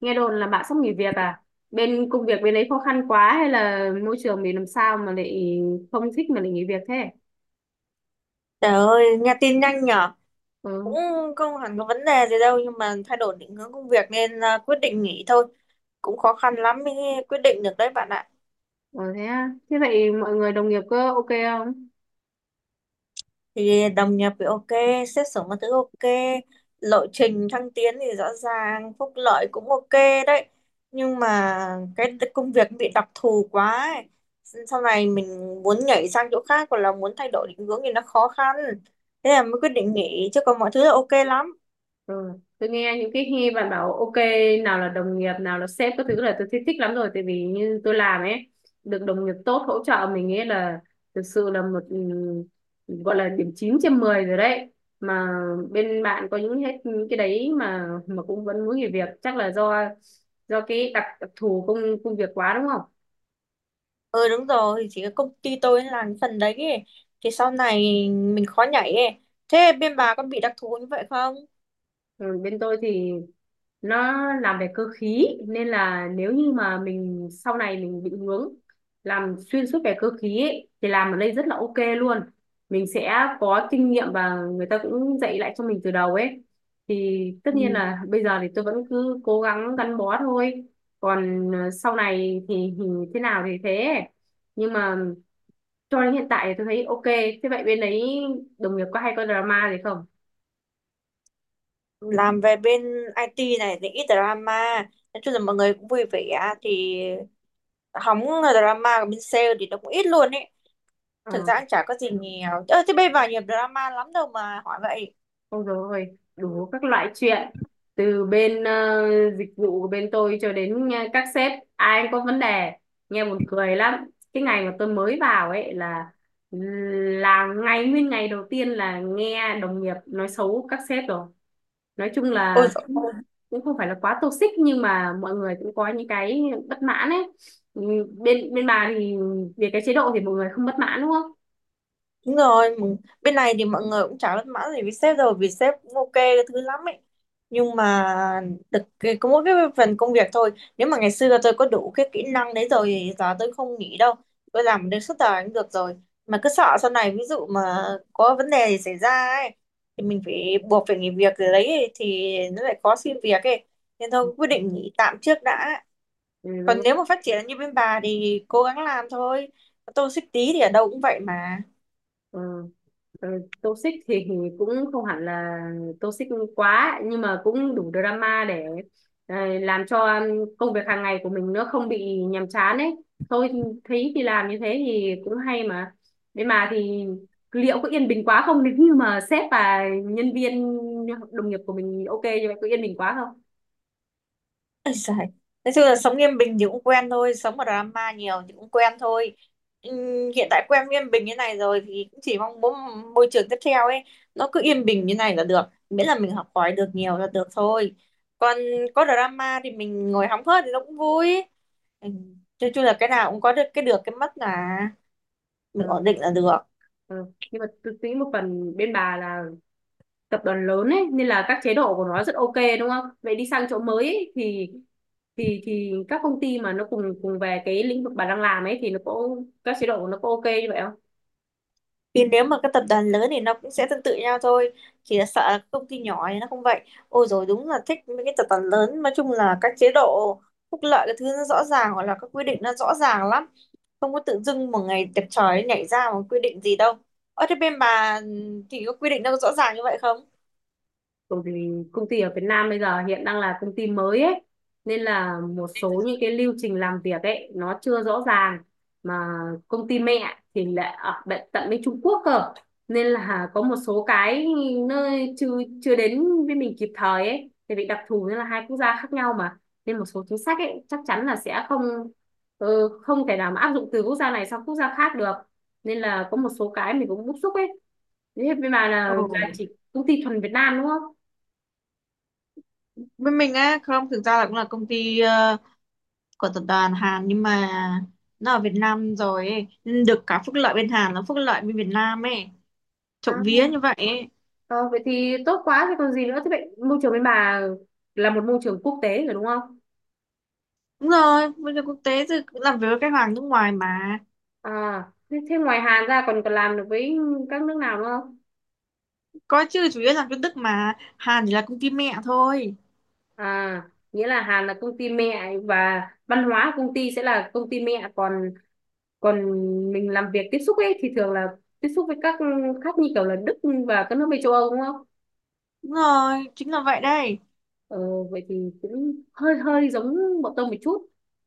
Nghe đồn là bạn sắp nghỉ việc à? Bên công việc bên đấy khó khăn quá hay là môi trường mình làm sao mà lại không thích mà lại nghỉ việc thế? Trời ơi, nghe tin nhanh nhở. Cũng Ừ. không hẳn có vấn đề gì đâu nhưng mà thay đổi định hướng công việc nên quyết định nghỉ thôi. Cũng khó khăn lắm mới quyết định được đấy bạn ạ. Ừ thế à? Thế vậy mọi người đồng nghiệp có ok không? Thì đồng nghiệp thì ok, xét xử mọi thứ ok, lộ trình thăng tiến thì rõ ràng, phúc lợi cũng ok đấy. Nhưng mà cái công việc bị đặc thù quá ấy. Sau này mình muốn nhảy sang chỗ khác hoặc là muốn thay đổi định hướng thì nó khó khăn. Thế là mới quyết định nghỉ chứ còn mọi thứ là ok lắm. Rồi, tôi nghe những cái khi bạn bảo ok, nào là đồng nghiệp, nào là sếp các thứ là tôi thích, thích lắm rồi. Tại vì như tôi làm ấy, được đồng nghiệp tốt hỗ trợ mình ấy là thực sự là một gọi là điểm 9/10 rồi đấy. Mà bên bạn có những hết những cái đấy mà cũng vẫn muốn nghỉ việc, chắc là do cái đặc thù công công việc quá đúng. Ừ, đúng rồi, chỉ có công ty tôi làm cái phần đấy ấy. Thì sau này mình khó nhảy ấy. Thế bên bà có bị đặc thù như vậy không? Ừ, bên tôi thì nó làm về cơ khí nên là nếu như mà mình sau này mình định hướng làm xuyên suốt về cơ khí ấy, thì làm ở đây rất là ok luôn. Mình sẽ có kinh nghiệm và người ta cũng dạy lại cho mình từ đầu ấy, thì tất nhiên Ừ. là bây giờ thì tôi vẫn cứ cố gắng gắn bó thôi. Còn sau này thì thế nào thì thế, nhưng mà cho đến hiện tại thì tôi thấy ok. Thế vậy bên đấy đồng nghiệp có hay có drama gì không? Làm về bên IT này thì ít drama. Nói chung là mọi người cũng vui vẻ. Thì hóng là drama của bên sale thì nó cũng ít luôn ấy. Ờ. Thực ra cũng chả có gì nhiều. Ơ, thế bên bà nhiều drama lắm đâu mà hỏi vậy. Ôi dồi ôi, đủ các loại chuyện, từ bên dịch vụ của bên tôi cho đến các sếp ai cũng có vấn đề. Nghe buồn cười lắm, cái ngày mà tôi mới vào ấy là ngày nguyên ngày đầu tiên là nghe đồng nghiệp nói xấu các sếp rồi. Nói chung Ôi là dồi. cũng cũng không phải là quá toxic, nhưng mà mọi người cũng có những cái bất mãn ấy. Ừ, bên bên bà thì về cái chế độ thì mọi người không bất mãn đúng không? Đúng rồi, bên này thì mọi người cũng chả bất mãn gì với sếp rồi vì sếp cũng ok cái thứ lắm ấy. Nhưng mà có mỗi cái phần công việc thôi. Nếu mà ngày xưa tôi có đủ cái kỹ năng đấy rồi thì giờ tôi không nghỉ đâu. Tôi làm đến suốt đời cũng được rồi. Mà cứ sợ sau này ví dụ mà có vấn đề gì xảy ra ấy thì mình phải buộc phải nghỉ việc rồi đấy ấy, thì nó lại khó xin việc ấy. Nên thôi quyết định nghỉ tạm trước đã. Còn Ừ. nếu mà phát triển như bên bà thì cố gắng làm thôi. Tôi xích tí thì ở đâu cũng vậy mà. Ờ, ờ, toxic thì cũng không hẳn là toxic quá, nhưng mà cũng đủ drama để làm cho công việc hàng ngày của mình nó không bị nhàm chán ấy. Tôi thấy thì làm như thế thì cũng hay mà, nhưng mà thì liệu có yên bình quá không nếu như mà sếp và nhân viên đồng nghiệp của mình ok như vậy, có yên bình quá không? Ôi giời. Nói chung là sống Yên Bình thì cũng quen thôi, sống ở drama nhiều thì cũng quen thôi. Ừm, hiện tại quen Yên Bình như này rồi thì cũng chỉ mong muốn môi trường tiếp theo ấy nó cứ yên bình như này là được, miễn là mình học hỏi được nhiều là được thôi. Còn có drama thì mình ngồi hóng hớt thì nó cũng vui. Ừ. Nói chung là cái nào cũng có được cái mất là mình Ờ, ổn định là được. ờ. Nhưng mà tôi nghĩ một phần bên bà là tập đoàn lớn ấy nên là các chế độ của nó rất ok đúng không? Vậy đi sang chỗ mới ấy, thì thì các công ty mà nó cùng cùng về cái lĩnh vực bà đang làm ấy thì nó có các chế độ của nó có ok như vậy không? Vì nếu mà các tập đoàn lớn thì nó cũng sẽ tương tự nhau thôi. Chỉ là sợ là các công ty nhỏ thì nó không vậy. Ôi rồi, đúng là thích mấy cái tập đoàn lớn. Nói chung là các chế độ phúc lợi cái thứ nó rõ ràng hoặc là các quy định nó rõ ràng lắm. Không có tự dưng một ngày đẹp trời nhảy ra một quy định gì đâu. Ở thế bên bà thì có quy định nó có rõ ràng như vậy không? Bởi vì công ty ở Việt Nam bây giờ hiện đang là công ty mới ấy, nên là một số những cái lưu trình làm việc ấy nó chưa rõ ràng. Mà công ty mẹ thì lại ở bệ- tận bên Trung Quốc cơ, nên là có một số cái nơi chưa chưa đến với mình kịp thời ấy, thì bị đặc thù nên là hai quốc gia khác nhau mà, nên một số chính sách ấy chắc chắn là sẽ không không thể nào mà áp dụng từ quốc gia này sang quốc gia khác được, nên là có một số cái mình cũng bức xúc ấy. Thế bên bà Ừ. là chỉ công ty thuần Việt Nam đúng không? Bên mình á không, thực ra là cũng là công ty của tập đoàn Hàn nhưng mà nó ở Việt Nam rồi ấy. Nên được cả phúc lợi bên Hàn nó phúc lợi bên Việt Nam ấy, À, trộm vía như vậy ấy. ờ, vậy thì tốt quá thì còn gì nữa. Thế vậy môi trường bên bà là một môi trường quốc tế rồi đúng không? Đúng rồi, bây giờ quốc tế thì cũng làm việc với các hàng nước ngoài mà. À thế, thế ngoài Hàn ra còn còn làm được với các nước nào nữa không? Có chứ, chủ yếu làm cho Đức mà. Hàn chỉ là công ty mẹ thôi. À nghĩa là Hàn là công ty mẹ và văn hóa công ty sẽ là công ty mẹ, còn còn mình làm việc tiếp xúc ấy thì thường là tiếp xúc với các khác như kiểu là Đức và các nước bên châu Âu đúng không? Đúng rồi, chính là vậy đây. Ờ, vậy thì cũng hơi hơi giống bọn tôi một chút,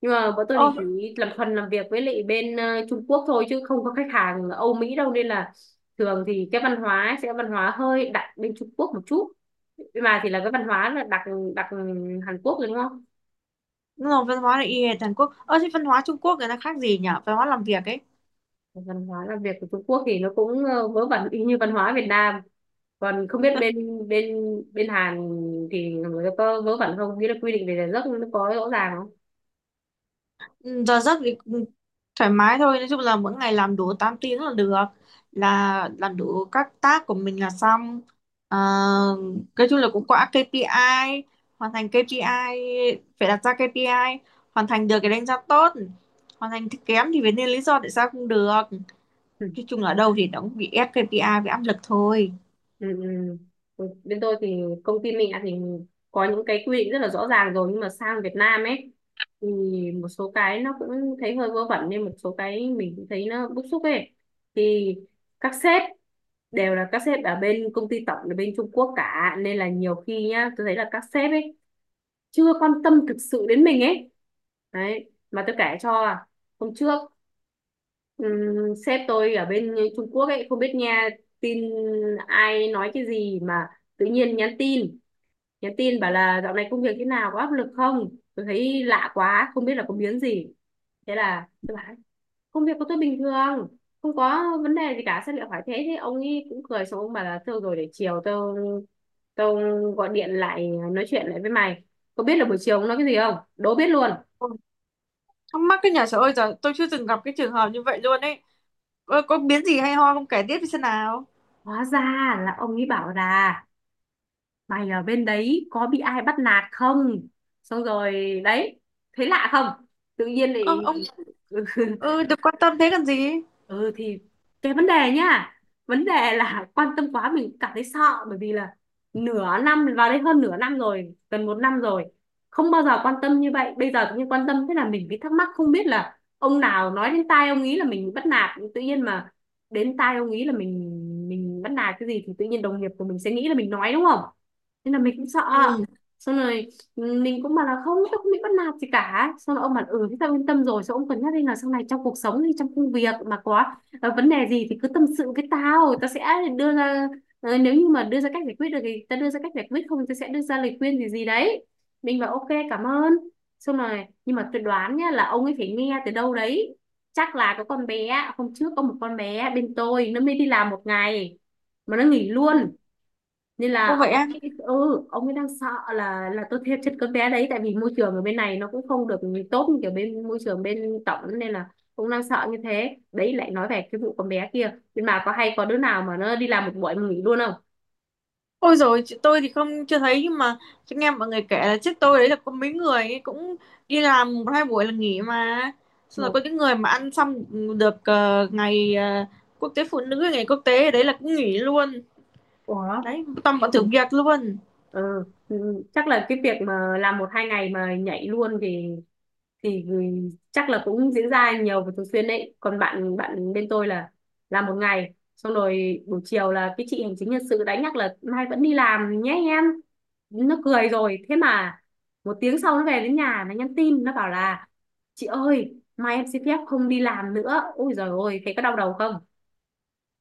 nhưng mà bọn tôi thì chỉ Ô, làm phần làm việc với lại bên Trung Quốc thôi chứ không có khách hàng Âu Mỹ đâu, nên là thường thì cái văn hóa ấy sẽ văn hóa hơi đặc bên Trung Quốc một chút, nhưng mà thì là cái văn hóa là đặc đặc Hàn Quốc rồi đúng không? đúng rồi, văn hóa là y hệt Hàn Quốc. Ơ, thế văn hóa Trung Quốc người ta khác gì nhỉ? Văn hóa làm việc ấy. Văn hóa làm việc của Trung Quốc thì nó cũng vớ vẩn y như văn hóa Việt Nam. Còn không biết bên bên bên Hàn thì người có vớ vẩn không, nghĩa là quy định về giờ giấc nó có rõ ràng không? Ừ, giờ giấc thì cũng thoải mái thôi, nói chung là mỗi ngày làm đủ 8 tiếng là được, là làm đủ các task của mình là xong. Ờ, nói chung là cũng có KPI, hoàn thành KPI, phải đặt ra KPI, hoàn thành được thì đánh giá tốt, hoàn thành thì kém thì phải nên lý do tại sao không được. Nói chung là ở đâu thì nó cũng bị ép KPI với áp lực thôi. Ừ, ừ. Ừ, bên tôi thì công ty mẹ thì có những cái quy định rất là rõ ràng rồi, nhưng mà sang Việt Nam ấy thì một số cái nó cũng thấy hơi vớ vẩn, nên một số cái mình cũng thấy nó bức xúc ấy. Thì các sếp đều là các sếp ở bên công ty tổng là bên Trung Quốc cả, nên là nhiều khi nhá tôi thấy là các sếp ấy chưa quan tâm thực sự đến mình ấy. Đấy mà tôi kể cho hôm trước, sếp tôi ở bên Trung Quốc ấy không biết nghe tin ai nói cái gì mà tự nhiên nhắn tin, bảo là dạo này công việc thế nào, có áp lực không. Tôi thấy lạ quá, không biết là có biến gì. Thế là tôi bảo công việc của tôi bình thường, không có vấn đề gì cả, sao lại hỏi thế? Thế ông ấy cũng cười, xong ông bảo là thôi rồi, để chiều tôi tôi gọi điện lại nói chuyện lại với mày. Có biết là buổi chiều ông nói cái gì không, đố biết luôn. Ôi, thắc mắc cái nhà, trời ơi, giờ tôi chưa từng gặp cái trường hợp như vậy luôn ấy. Có biến gì hay ho không, kể tiếp đi xem nào? Hóa ra là ông ấy bảo là mày ở bên đấy có bị ai bắt nạt không. Xong rồi đấy, thấy lạ không, tự nhiên Ơ, lại ông ừ, được quan tâm thế cần gì? ừ thì cái vấn đề nhá, vấn đề là quan tâm quá mình cảm thấy sợ. Bởi vì là nửa năm vào đây, hơn nửa năm rồi, gần một năm rồi không bao giờ quan tâm như vậy, bây giờ tự nhiên quan tâm thế là mình bị thắc mắc, không biết là ông nào nói đến tai ông ý là mình bắt nạt. Tự nhiên mà đến tai ông ý là mình bắt nạt cái gì, thì tự nhiên đồng nghiệp của mình sẽ nghĩ là mình nói đúng không, thế là mình cũng sợ. Ừ. Xong rồi mình cũng bảo là không, tôi không bị bắt nạt gì cả. Xong rồi ông bảo ừ thế tao yên tâm rồi. Xong ông cân nhắc đi là sau này trong cuộc sống hay trong công việc mà có vấn đề gì thì cứ tâm sự với tao, tao sẽ đưa ra nếu như mà đưa ra cách giải quyết được thì tao đưa ra cách giải quyết, không thì tao sẽ đưa ra lời khuyên gì gì đấy. Mình bảo ok cảm ơn. Xong rồi, nhưng mà tôi đoán nhá là ông ấy phải nghe từ đâu đấy. Chắc là có con bé hôm trước, có một con bé bên tôi nó mới đi làm một ngày mà nó nghỉ luôn, nên là Ô ông vậy á. ấy, ừ ông ấy đang sợ là tôi thêm chất cấm bé đấy, tại vì môi trường ở bên này nó cũng không được tốt như kiểu bên môi trường bên tổng, nên là cũng đang sợ như thế đấy. Lại nói về cái vụ con bé kia, nhưng mà có hay có đứa nào mà nó đi làm một buổi mà nghỉ luôn không Ôi rồi, tôi thì không, chưa thấy. Nhưng mà tôi nghe mọi người kể là trước tôi đấy là có mấy người ấy cũng đi làm một hai buổi là nghỉ mà. Xong rồi một? có những người mà ăn xong được ngày quốc tế phụ nữ, ngày quốc tế đấy là cũng nghỉ luôn. Ủa? Đấy toàn bọn thử việc luôn. Ừ. Ừ. Chắc là cái việc mà làm một hai ngày mà nhảy luôn thì ừ, chắc là cũng diễn ra nhiều và thường xuyên đấy. Còn bạn bạn bên tôi là làm một ngày, xong rồi buổi chiều là cái chị hành chính nhân sự đánh nhắc là mai vẫn đi làm nhé em, nó cười rồi. Thế mà một tiếng sau nó về đến nhà nó nhắn tin, nó bảo là chị ơi mai em xin phép không đi làm nữa. Ôi giời ôi, thấy có đau đầu không?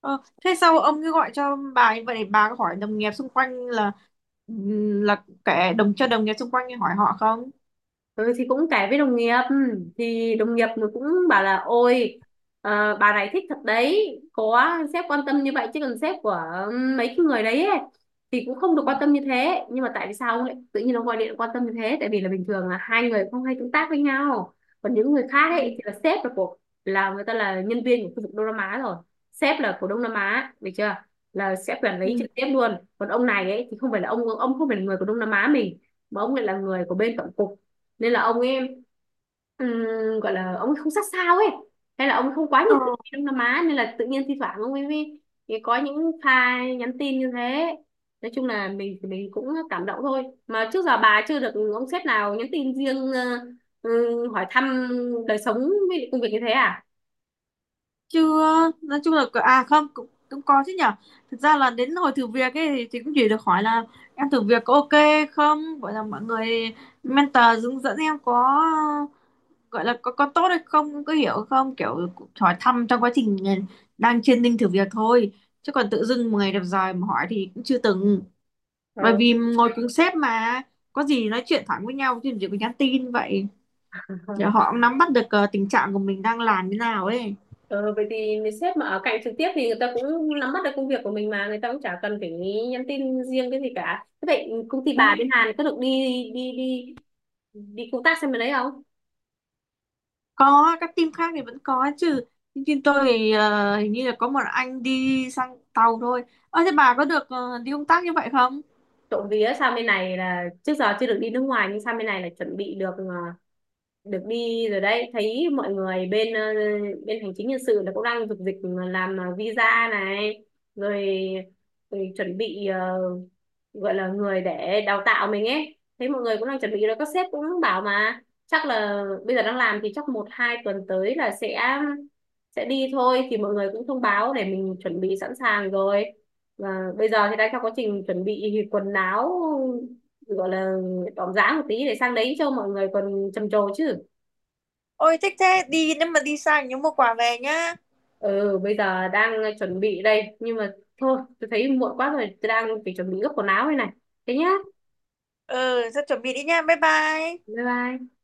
Ờ, thế sao ông cứ gọi cho bà như vậy để bà có hỏi đồng nghiệp xung quanh, là kể đồng cho đồng nghiệp xung quanh hỏi họ không? Ừ, thì cũng kể với đồng nghiệp. Ừ, thì đồng nghiệp nó cũng bảo là ôi bà này thích thật đấy, có sếp quan tâm như vậy, chứ còn sếp của mấy cái người đấy ấy thì cũng không được quan tâm như thế. Nhưng mà tại vì sao ông lại tự nhiên ông gọi điện quan tâm như thế, tại vì là bình thường là hai người không hay tương tác với nhau. Còn những người khác Ừ. ấy thì là sếp là là người ta là nhân viên của khu vực Đông Nam Á rồi, sếp là của Đông Nam Á được chưa, là sẽ quản lý Ừ. trực tiếp luôn. Còn ông này ấy thì không phải là ông không phải là người của Đông Nam Á mình, mà ông lại là người của bên tổng cục, nên là ông ấy ừm, gọi là ông ấy không sát sao ấy, hay là ông ấy không quá Ờ. nhiệt tình với Đông Nam Á, nên là tự nhiên thi thoảng ông ấy mới mới có những pha nhắn tin như thế. Nói chung là mình thì mình cũng cảm động thôi mà, trước giờ bà chưa được ông sếp nào nhắn tin riêng hỏi thăm đời sống với lại công việc như thế à? Chưa. Nói chung là à không, cũng cũng có chứ nhở. Thực ra là đến hồi thử việc ấy thì cũng chỉ được hỏi là em thử việc có ok không, gọi là mọi người mentor hướng dẫn em có, gọi là có tốt hay không, có hiểu không, kiểu hỏi thăm trong quá trình đang training thử việc thôi. Chứ còn tự dưng một ngày đẹp trời mà hỏi thì cũng chưa từng, Ờ. bởi vì ngồi cùng sếp mà, có gì nói chuyện thẳng với nhau chứ chỉ có nhắn tin vậy để họ cũng nắm bắt được tình trạng của mình đang làm như nào ấy. Ờ, vậy thì sếp mà ở cạnh trực tiếp thì người ta cũng nắm bắt được công việc của mình mà người ta cũng chả cần phải nhắn tin riêng cái gì cả. Thế vậy công ty bà bên Hàn có được đi đi đi đi công tác sang bên đấy không? Có, các team khác thì vẫn có chứ. Nhưng team tôi thì hình như là có một anh đi sang tàu thôi. Ơ, thế bà có được đi công tác như vậy không? Trộm vía, sang bên này là trước giờ chưa được đi nước ngoài, nhưng sang bên này là chuẩn bị được được đi rồi đấy. Thấy mọi người bên bên hành chính nhân sự là cũng đang dục dịch làm visa này rồi, chuẩn bị gọi là người để đào tạo mình ấy. Thấy mọi người cũng đang chuẩn bị rồi, các sếp cũng bảo mà chắc là bây giờ đang làm thì chắc một hai tuần tới là sẽ đi thôi. Thì mọi người cũng thông báo để mình chuẩn bị sẵn sàng rồi, và bây giờ thì đang trong quá trình chuẩn bị quần áo, gọi là đỏm dáng một tí để sang đấy cho mọi người còn trầm trồ chứ. Ôi thích thế, đi nếu mà đi sang nhớ mua quà về nhá. Ừ bây giờ đang chuẩn bị đây, nhưng mà thôi tôi thấy muộn quá rồi, tôi đang phải chuẩn bị gấp quần áo đây này. Thế nhá, Ừ, sao chuẩn bị đi nha. Bye bye. bye bye